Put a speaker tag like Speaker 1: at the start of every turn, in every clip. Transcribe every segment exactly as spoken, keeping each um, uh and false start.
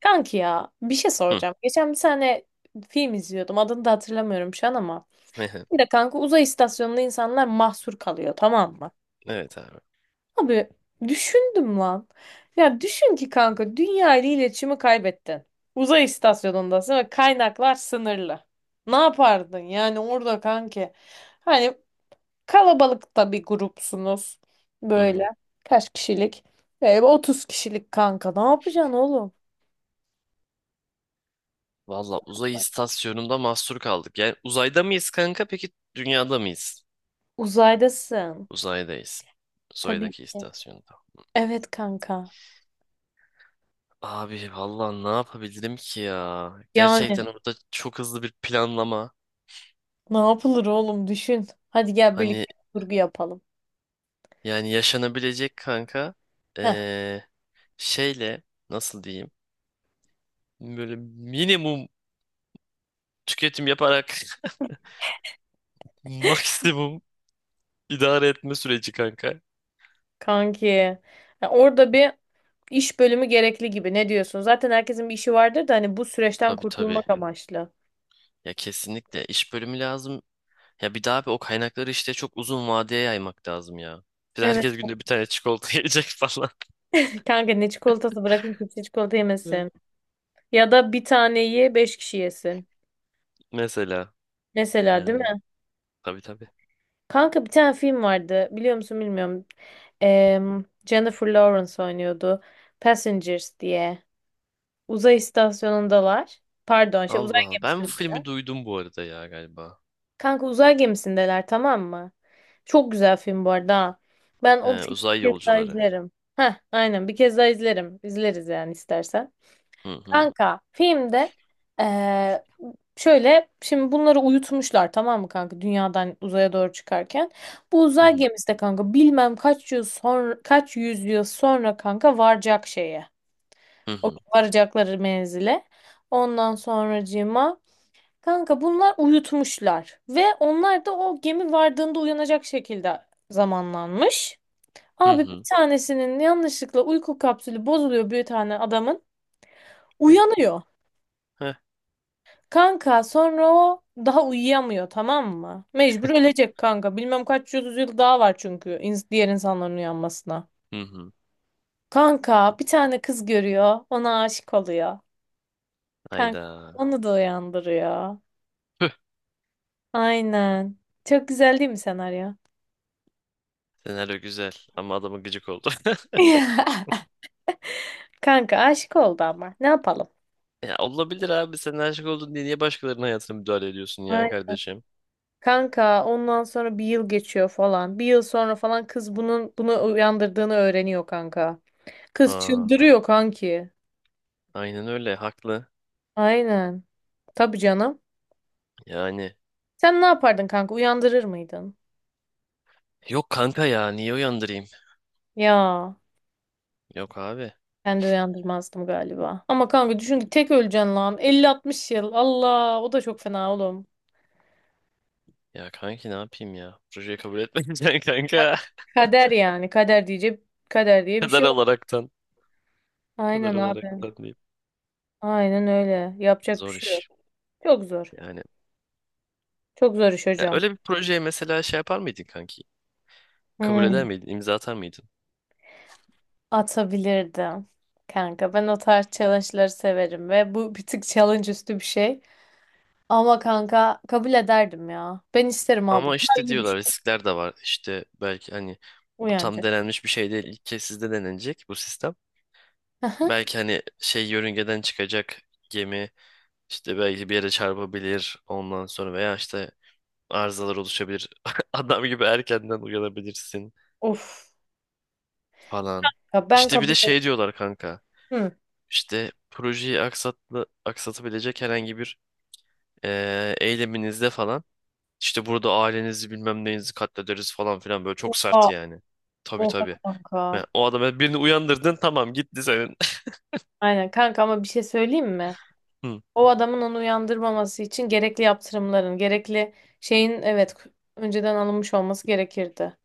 Speaker 1: Kanki ya bir şey
Speaker 2: Hı.
Speaker 1: soracağım. Geçen bir tane film izliyordum. Adını da hatırlamıyorum şu an ama. Bir de kanka uzay istasyonunda insanlar mahsur kalıyor, tamam mı?
Speaker 2: Evet abi.
Speaker 1: Abi düşündüm lan. Ya düşün ki kanka dünya ile iletişimi kaybettin. Uzay istasyonundasın ve kaynaklar sınırlı. Ne yapardın yani orada kanki? Hani kalabalıkta bir grupsunuz
Speaker 2: Hı hı.
Speaker 1: böyle. Kaç kişilik? E, otuz kişilik kanka, ne yapacaksın oğlum?
Speaker 2: Valla uzay istasyonunda mahsur kaldık. Yani uzayda mıyız kanka? Peki dünyada mıyız?
Speaker 1: Uzaydasın.
Speaker 2: Uzaydayız.
Speaker 1: Tabii
Speaker 2: Uzaydaki
Speaker 1: ki.
Speaker 2: istasyonda.
Speaker 1: Evet kanka.
Speaker 2: Abi valla ne yapabilirim ki ya?
Speaker 1: Yani
Speaker 2: Gerçekten orada çok hızlı bir planlama.
Speaker 1: ne yapılır oğlum, düşün. Hadi gel
Speaker 2: Hani
Speaker 1: birlikte bir kurgu yapalım.
Speaker 2: yani yaşanabilecek kanka.
Speaker 1: Heh,
Speaker 2: Ee, şeyle nasıl diyeyim? Böyle minimum tüketim yaparak maksimum idare etme süreci kanka.
Speaker 1: kanki. Ya orada bir iş bölümü gerekli gibi. Ne diyorsun? Zaten herkesin bir işi vardır da hani bu süreçten
Speaker 2: Tabii, tabii.
Speaker 1: kurtulmak amaçlı.
Speaker 2: Ya kesinlikle iş bölümü lazım. Ya bir daha abi o kaynakları işte çok uzun vadeye yaymak lazım ya. Biz
Speaker 1: Evet.
Speaker 2: herkes günde bir tane çikolata yiyecek falan.
Speaker 1: Kanka ne çikolatası, bırakın kimse çikolata
Speaker 2: Evet.
Speaker 1: yemesin. Ya da bir taneyi beş kişi yesin.
Speaker 2: Mesela
Speaker 1: Mesela, değil
Speaker 2: yani,
Speaker 1: mi?
Speaker 2: tabii, tabii.
Speaker 1: Kanka bir tane film vardı. Biliyor musun bilmiyorum. Em, Jennifer Lawrence oynuyordu. Passengers diye. Uzay istasyonundalar. Pardon, şey, uzay
Speaker 2: Allah Allah. Ben bu
Speaker 1: gemisindeler.
Speaker 2: filmi duydum bu arada ya galiba.
Speaker 1: Kanka uzay gemisindeler, tamam mı? Çok güzel film bu arada. Ha. Ben
Speaker 2: He,
Speaker 1: o filmi
Speaker 2: uzay
Speaker 1: bir kez daha
Speaker 2: yolcuları.
Speaker 1: izlerim. Heh, aynen, bir kez daha izlerim. İzleriz yani istersen.
Speaker 2: Hı hı.
Speaker 1: Kanka filmde eee, şöyle, şimdi bunları uyutmuşlar tamam mı kanka, dünyadan uzaya doğru çıkarken. Bu
Speaker 2: Hı
Speaker 1: uzay
Speaker 2: hı.
Speaker 1: gemisi de kanka bilmem kaç yıl sonra, kaç yüzyıl sonra kanka varacak şeye.
Speaker 2: Hı
Speaker 1: O
Speaker 2: hı.
Speaker 1: varacakları menzile. Ondan sonracığıma kanka bunlar uyutmuşlar ve onlar da o gemi vardığında uyanacak şekilde zamanlanmış.
Speaker 2: Hı
Speaker 1: Abi bir
Speaker 2: hı.
Speaker 1: tanesinin yanlışlıkla uyku kapsülü bozuluyor, bir tane adamın.
Speaker 2: Eh,
Speaker 1: Uyanıyor.
Speaker 2: heh,
Speaker 1: Kanka sonra o daha uyuyamıyor, tamam mı? Mecbur ölecek kanka. Bilmem kaç yüz yıl daha var çünkü ins- diğer insanların uyanmasına.
Speaker 2: hı hı.
Speaker 1: Kanka bir tane kız görüyor. Ona aşık oluyor. Kanka
Speaker 2: Hayda.
Speaker 1: onu da uyandırıyor.
Speaker 2: Püh,
Speaker 1: Aynen. Çok güzel değil mi senaryo?
Speaker 2: senaryo güzel ama adamı gıcık oldu.
Speaker 1: Kanka aşık oldu ama. Ne yapalım?
Speaker 2: Ya olabilir abi, sen aşık oldun diye niye başkalarının hayatına müdahale ediyorsun
Speaker 1: Ay,
Speaker 2: ya kardeşim?
Speaker 1: kanka ondan sonra bir yıl geçiyor falan. Bir yıl sonra falan kız bunun bunu uyandırdığını öğreniyor kanka. Kız
Speaker 2: Ha,
Speaker 1: çıldırıyor kanki.
Speaker 2: aynen öyle, haklı.
Speaker 1: Aynen. Tabii canım.
Speaker 2: Yani
Speaker 1: Sen ne yapardın kanka? Uyandırır mıydın?
Speaker 2: yok kanka, ya niye uyandırayım?
Speaker 1: Ya
Speaker 2: Yok abi.
Speaker 1: ben de uyandırmazdım galiba. Ama kanka düşün ki tek öleceksin lan. Elli altmış yıl. Allah, o da çok fena oğlum.
Speaker 2: Ya kanki ne yapayım ya? Projeyi kabul etmeyeceksin kanka.
Speaker 1: Kader yani. Kader diyecek. Kader diye bir
Speaker 2: Kadar
Speaker 1: şey yok.
Speaker 2: olaraktan. Kadar
Speaker 1: Aynen abi.
Speaker 2: olaraktan diyeyim.
Speaker 1: Aynen öyle. Yapacak bir
Speaker 2: Zor
Speaker 1: şey yok.
Speaker 2: iş.
Speaker 1: Çok zor.
Speaker 2: Yani,
Speaker 1: Çok zor iş
Speaker 2: ya
Speaker 1: hocam.
Speaker 2: öyle bir projeye mesela şey yapar mıydın kanki? Kabul eder
Speaker 1: Hmm.
Speaker 2: miydin? İmza atar mıydın?
Speaker 1: Atabilirdim. Kanka ben o tarz challenge'ları severim ve bu bir tık challenge üstü bir şey. Ama kanka kabul ederdim ya. Ben isterim abi.
Speaker 2: Ama
Speaker 1: Daha
Speaker 2: işte
Speaker 1: iyi bir şey.
Speaker 2: diyorlar, riskler de var. İşte belki hani bu tam
Speaker 1: Uyanacak.
Speaker 2: denenmiş bir şey değil. İlk kez sizde denenecek bu sistem.
Speaker 1: Aha.
Speaker 2: Belki hani şey, yörüngeden çıkacak gemi, işte belki bir yere çarpabilir ondan sonra, veya işte arızalar oluşabilir. Adam gibi erkenden uyanabilirsin
Speaker 1: Of.
Speaker 2: falan.
Speaker 1: Ya ben
Speaker 2: İşte bir
Speaker 1: kabul
Speaker 2: de şey diyorlar kanka.
Speaker 1: ettim.
Speaker 2: İşte projeyi aksatlı, aksatabilecek herhangi bir eee, eyleminizde falan. İşte burada ailenizi bilmem neyinizi katlederiz falan filan, böyle çok
Speaker 1: Oha.
Speaker 2: sert yani. Tabii,
Speaker 1: Oha
Speaker 2: tabii.
Speaker 1: kanka.
Speaker 2: Ben, o adamı, birini uyandırdın, tamam, gitti senin.
Speaker 1: Aynen kanka, ama bir şey söyleyeyim mi?
Speaker 2: Hı,
Speaker 1: O adamın onu uyandırmaması için gerekli yaptırımların, gerekli şeyin, evet, önceden alınmış olması gerekirdi.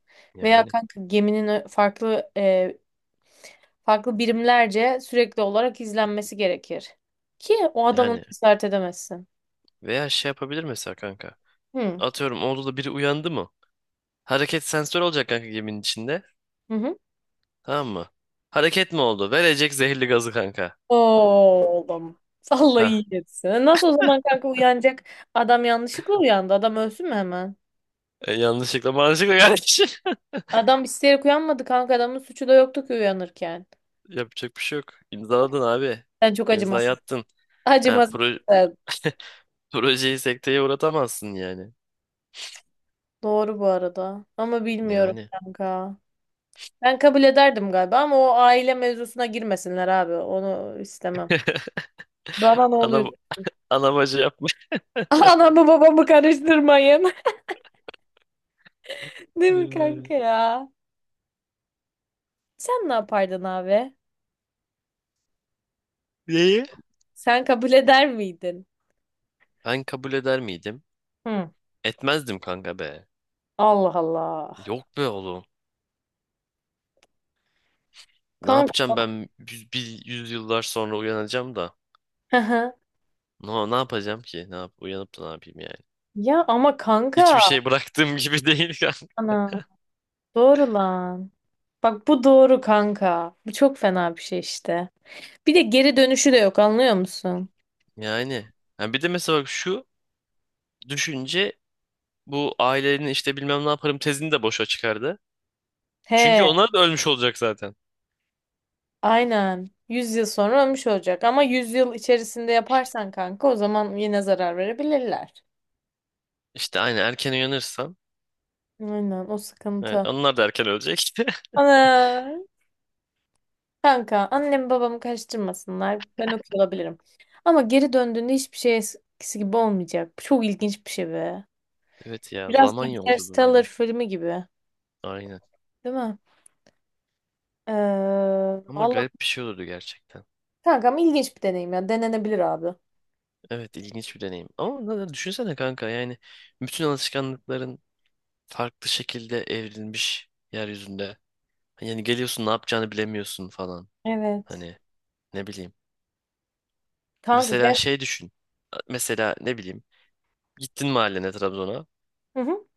Speaker 1: Veya
Speaker 2: Yani
Speaker 1: kanka geminin ö- farklı, e, farklı birimlerce sürekli olarak izlenmesi gerekir. Ki o adamın
Speaker 2: yani
Speaker 1: cesaret edemezsin.
Speaker 2: veya şey yapabilir mesela kanka.
Speaker 1: Hı.
Speaker 2: Atıyorum, oldu da biri uyandı mı? Hareket sensör olacak kanka geminin içinde.
Speaker 1: Hı hı.
Speaker 2: Tamam mı? Hareket mi oldu? Verecek zehirli gazı kanka.
Speaker 1: Oğlum. Allah
Speaker 2: Ha.
Speaker 1: iyi etsin. Nasıl o zaman kanka uyanacak? Adam yanlışlıkla uyandı. Adam ölsün mü hemen?
Speaker 2: E, yanlışlıkla manşıkla kardeş.
Speaker 1: Adam isteyerek uyanmadı kanka. Adamın suçu da yoktu ki uyanırken.
Speaker 2: Yapacak bir şey yok. İmzaladın abi.
Speaker 1: Sen çok
Speaker 2: İmzayı
Speaker 1: acımasız.
Speaker 2: attın. Ha,
Speaker 1: Acımasız.
Speaker 2: pro projeyi sekteye uğratamazsın yani.
Speaker 1: Doğru bu arada. Ama bilmiyorum
Speaker 2: Yani.
Speaker 1: kanka. Ben kabul ederdim galiba ama o aile mevzusuna girmesinler abi. Onu istemem. Bana ne oluyor?
Speaker 2: Ana, ana bacı yapmış.
Speaker 1: Anamı babamı karıştırmayın. Değil mi
Speaker 2: Yani.
Speaker 1: kanka ya? Sen ne yapardın abi?
Speaker 2: Neyi?
Speaker 1: Sen kabul eder miydin?
Speaker 2: Ben kabul eder miydim?
Speaker 1: Hı.
Speaker 2: Etmezdim kanka be.
Speaker 1: Allah Allah.
Speaker 2: Yok be oğlum. Ne
Speaker 1: Kanka.
Speaker 2: yapacağım ben, yüz, bir yüzyıllar sonra uyanacağım da.
Speaker 1: Hı hı.
Speaker 2: No, ne yapacağım ki? Ne yap uyanıp da ne yapayım yani?
Speaker 1: Ya ama
Speaker 2: Hiçbir
Speaker 1: kanka.
Speaker 2: şey bıraktığım gibi değil kanka.
Speaker 1: Ana. Doğru lan. Bak, bu doğru kanka. Bu çok fena bir şey işte. Bir de geri dönüşü de yok, anlıyor musun?
Speaker 2: Yani. Ha, bir de mesela bak şu düşünce bu ailenin işte bilmem ne yaparım tezini de boşa çıkardı. Çünkü
Speaker 1: He,
Speaker 2: onlar da ölmüş olacak zaten.
Speaker 1: aynen. yüz yıl sonra ölmüş olacak ama yüz yıl içerisinde yaparsan kanka, o zaman yine zarar verebilirler.
Speaker 2: İşte aynı, erken uyanırsam.
Speaker 1: Aynen, o
Speaker 2: Evet,
Speaker 1: sıkıntı.
Speaker 2: onlar da erken ölecek.
Speaker 1: Ana, kanka annem babamı karıştırmasınlar. Ben okuyor olabilirim. Ama geri döndüğünde hiçbir şey eskisi gibi olmayacak. Bu çok ilginç bir şey be.
Speaker 2: Evet ya,
Speaker 1: Biraz
Speaker 2: zaman yolculuğu
Speaker 1: Interstellar
Speaker 2: gibi.
Speaker 1: filmi gibi.
Speaker 2: Aynen.
Speaker 1: Değil mi? Ee,
Speaker 2: Ama
Speaker 1: vallahi
Speaker 2: garip bir şey olurdu gerçekten.
Speaker 1: kanka ama ilginç bir deneyim ya. Denenebilir abi.
Speaker 2: Evet, ilginç bir deneyim. Ama neden, düşünsene kanka, yani bütün alışkanlıkların farklı şekilde evrilmiş yeryüzünde. Yani geliyorsun, ne yapacağını bilemiyorsun falan.
Speaker 1: Evet.
Speaker 2: Hani ne bileyim.
Speaker 1: Kanka
Speaker 2: Mesela
Speaker 1: gel.
Speaker 2: şey düşün. Mesela ne bileyim. Gittin mahallene, Trabzon'a.
Speaker 1: Hı hı.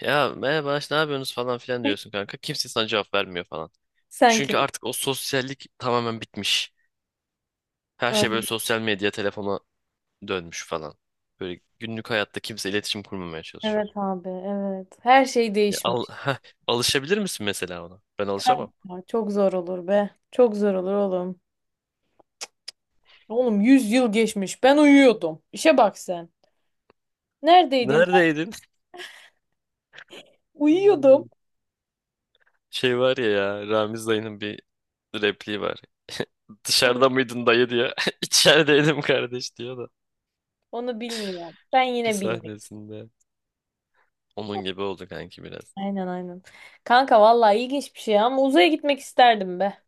Speaker 2: Ya merhaba işte, ne yapıyorsunuz falan filan diyorsun kanka. Kimse sana cevap vermiyor falan.
Speaker 1: Sen kim?
Speaker 2: Çünkü artık o sosyallik tamamen bitmiş. Her şey böyle sosyal medya, telefona dönmüş falan. Böyle günlük hayatta kimse iletişim kurmamaya çalışıyor.
Speaker 1: Evet abi, evet. Her şey
Speaker 2: Ya al,
Speaker 1: değişmiş.
Speaker 2: heh, alışabilir misin mesela ona? Ben alışamam.
Speaker 1: Kanka, çok zor olur be. Çok zor olur oğlum. Oğlum yüz yıl geçmiş. Ben uyuyordum. İşe bak sen. Neredeydin kanka?
Speaker 2: Neredeydin?
Speaker 1: Uyuyordum.
Speaker 2: Uyuyorum. Şey var ya, ya Ramiz dayının bir repliği var. Dışarıda mıydın dayı diyor. İçerideydim kardeş diyor da
Speaker 1: Onu bilmiyorum. Ben
Speaker 2: bir
Speaker 1: yine bilmiyorum.
Speaker 2: sahnesinde. Onun gibi oldu kanki biraz.
Speaker 1: Aynen, aynen. Kanka vallahi ilginç bir şey ama uzaya gitmek isterdim be.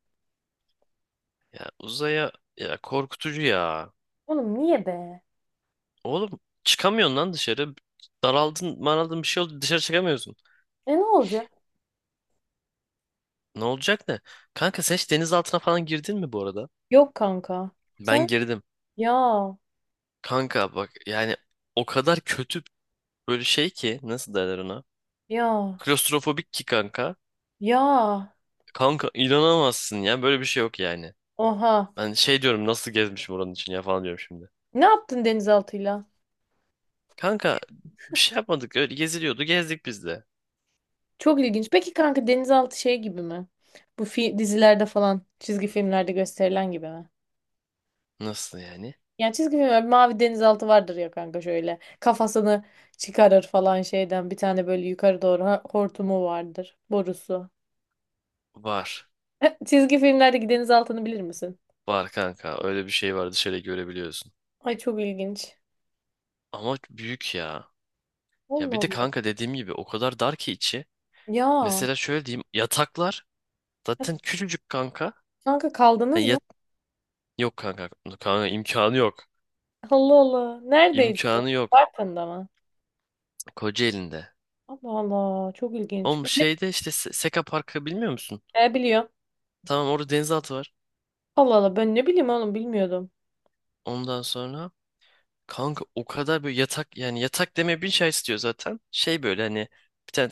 Speaker 2: Ya uzaya, ya korkutucu ya.
Speaker 1: Oğlum niye be?
Speaker 2: Oğlum çıkamıyorsun lan dışarı. Daraldın, maraldın, bir şey oldu, dışarı çıkamıyorsun.
Speaker 1: E ne olacak?
Speaker 2: Ne olacak, ne? Kanka sen hiç deniz altına falan girdin mi bu arada?
Speaker 1: Yok kanka.
Speaker 2: Ben
Speaker 1: Sen?
Speaker 2: girdim.
Speaker 1: Ya.
Speaker 2: Kanka bak yani, o kadar kötü, böyle şey ki, nasıl derler ona?
Speaker 1: Ya.
Speaker 2: Klostrofobik ki kanka.
Speaker 1: Ya.
Speaker 2: Kanka inanamazsın ya, böyle bir şey yok yani.
Speaker 1: Oha.
Speaker 2: Ben şey diyorum, nasıl gezmişim oranın için ya falan diyorum şimdi.
Speaker 1: Ne yaptın denizaltıyla?
Speaker 2: Kanka bir şey yapmadık, öyle geziliyordu, gezdik biz de.
Speaker 1: Çok ilginç. Peki kanka denizaltı şey gibi mi? Bu fi dizilerde falan, çizgi filmlerde gösterilen gibi mi?
Speaker 2: Nasıl yani?
Speaker 1: Yani çizgi filmler, bir mavi denizaltı vardır ya kanka, şöyle. Kafasını çıkarır falan şeyden. Bir tane böyle yukarı doğru ha- hortumu vardır. Borusu.
Speaker 2: Var.
Speaker 1: Çizgi filmlerdeki denizaltını bilir misin?
Speaker 2: Var kanka, öyle bir şey var, dışarı görebiliyorsun.
Speaker 1: Ay çok ilginç.
Speaker 2: Ama büyük ya. Ya
Speaker 1: Allah
Speaker 2: bir de
Speaker 1: Allah.
Speaker 2: kanka, dediğim gibi o kadar dar ki içi.
Speaker 1: Ya.
Speaker 2: Mesela şöyle diyeyim, yataklar
Speaker 1: Ya,
Speaker 2: zaten küçücük kanka.
Speaker 1: kanka kaldınız
Speaker 2: Hani
Speaker 1: mı?
Speaker 2: yat yok kanka. Kanka imkanı yok.
Speaker 1: Allah Allah. Neredeydi bu?
Speaker 2: İmkanı yok.
Speaker 1: Bartın'da mı?
Speaker 2: Kocaeli'nde.
Speaker 1: Allah Allah. Çok ilginç.
Speaker 2: Oğlum
Speaker 1: Bilim
Speaker 2: şeyde işte, Se- Seka Parkı bilmiyor musun?
Speaker 1: ne biliyor?
Speaker 2: Tamam, orada denizaltı var.
Speaker 1: Allah Allah. Ben ne bileyim oğlum, bilmiyordum.
Speaker 2: Ondan sonra kanka o kadar böyle, yatak yani, yatak demeye bin şey istiyor zaten. Şey böyle hani bir tane,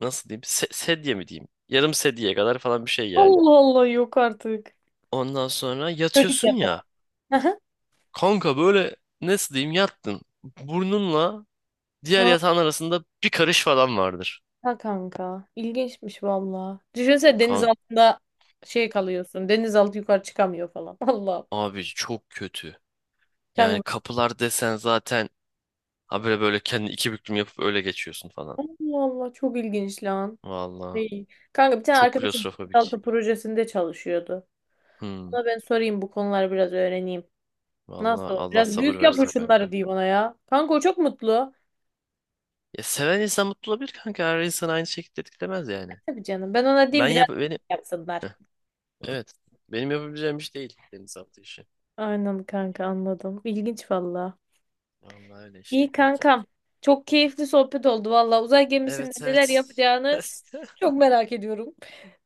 Speaker 2: nasıl diyeyim, se- sedye mi diyeyim? Yarım sedyeye kadar falan bir şey yani.
Speaker 1: Allah Allah, yok artık.
Speaker 2: Ondan sonra
Speaker 1: Çocuk
Speaker 2: yatıyorsun
Speaker 1: yap.
Speaker 2: ya.
Speaker 1: Aha.
Speaker 2: Kanka böyle, nasıl diyeyim, yattın. Burnunla diğer
Speaker 1: Aa,
Speaker 2: yatağın arasında bir karış falan vardır.
Speaker 1: ha kanka. İlginçmiş valla. Düşünsene, deniz
Speaker 2: Kanka
Speaker 1: altında şey kalıyorsun, denizaltı yukarı çıkamıyor falan. Allah.
Speaker 2: abi, çok kötü.
Speaker 1: Kanka
Speaker 2: Yani kapılar desen zaten, ha böyle böyle kendi, iki büklüm yapıp öyle geçiyorsun falan.
Speaker 1: Allah Allah, çok ilginç lan.
Speaker 2: Valla
Speaker 1: Değil. Kanka bir tane
Speaker 2: çok
Speaker 1: arkadaşım
Speaker 2: klostrofobik.
Speaker 1: denizaltı projesinde çalışıyordu.
Speaker 2: Hmm.
Speaker 1: Ona ben sorayım, bu konuları biraz öğreneyim. Nasıl
Speaker 2: Valla
Speaker 1: olur?
Speaker 2: Allah
Speaker 1: Biraz
Speaker 2: sabır
Speaker 1: büyük yap
Speaker 2: versin
Speaker 1: şunları
Speaker 2: kanka.
Speaker 1: diyeyim ona ya. Kanka o çok mutlu.
Speaker 2: Ya, seven insan mutlu olabilir kanka. Her insan aynı şekilde etkilemez yani.
Speaker 1: Tabii canım. Ben ona
Speaker 2: Ben
Speaker 1: diyeyim biraz
Speaker 2: yap benim,
Speaker 1: yapsınlar.
Speaker 2: heh, evet. Benim yapabileceğim iş değil deniz altı işi.
Speaker 1: Aynen kanka, anladım. İlginç valla.
Speaker 2: Vallahi öyle işte
Speaker 1: İyi
Speaker 2: kanki.
Speaker 1: kankam. Çok keyifli sohbet oldu valla. Uzay gemisinde
Speaker 2: Evet, evet.
Speaker 1: neler yapacağını çok merak ediyorum.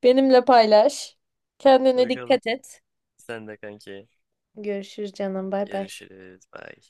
Speaker 1: Benimle paylaş. Kendine
Speaker 2: Bakalım.
Speaker 1: dikkat et.
Speaker 2: Sen de kanki.
Speaker 1: Görüşürüz canım. Bay bay.
Speaker 2: Görüşürüz. Bye.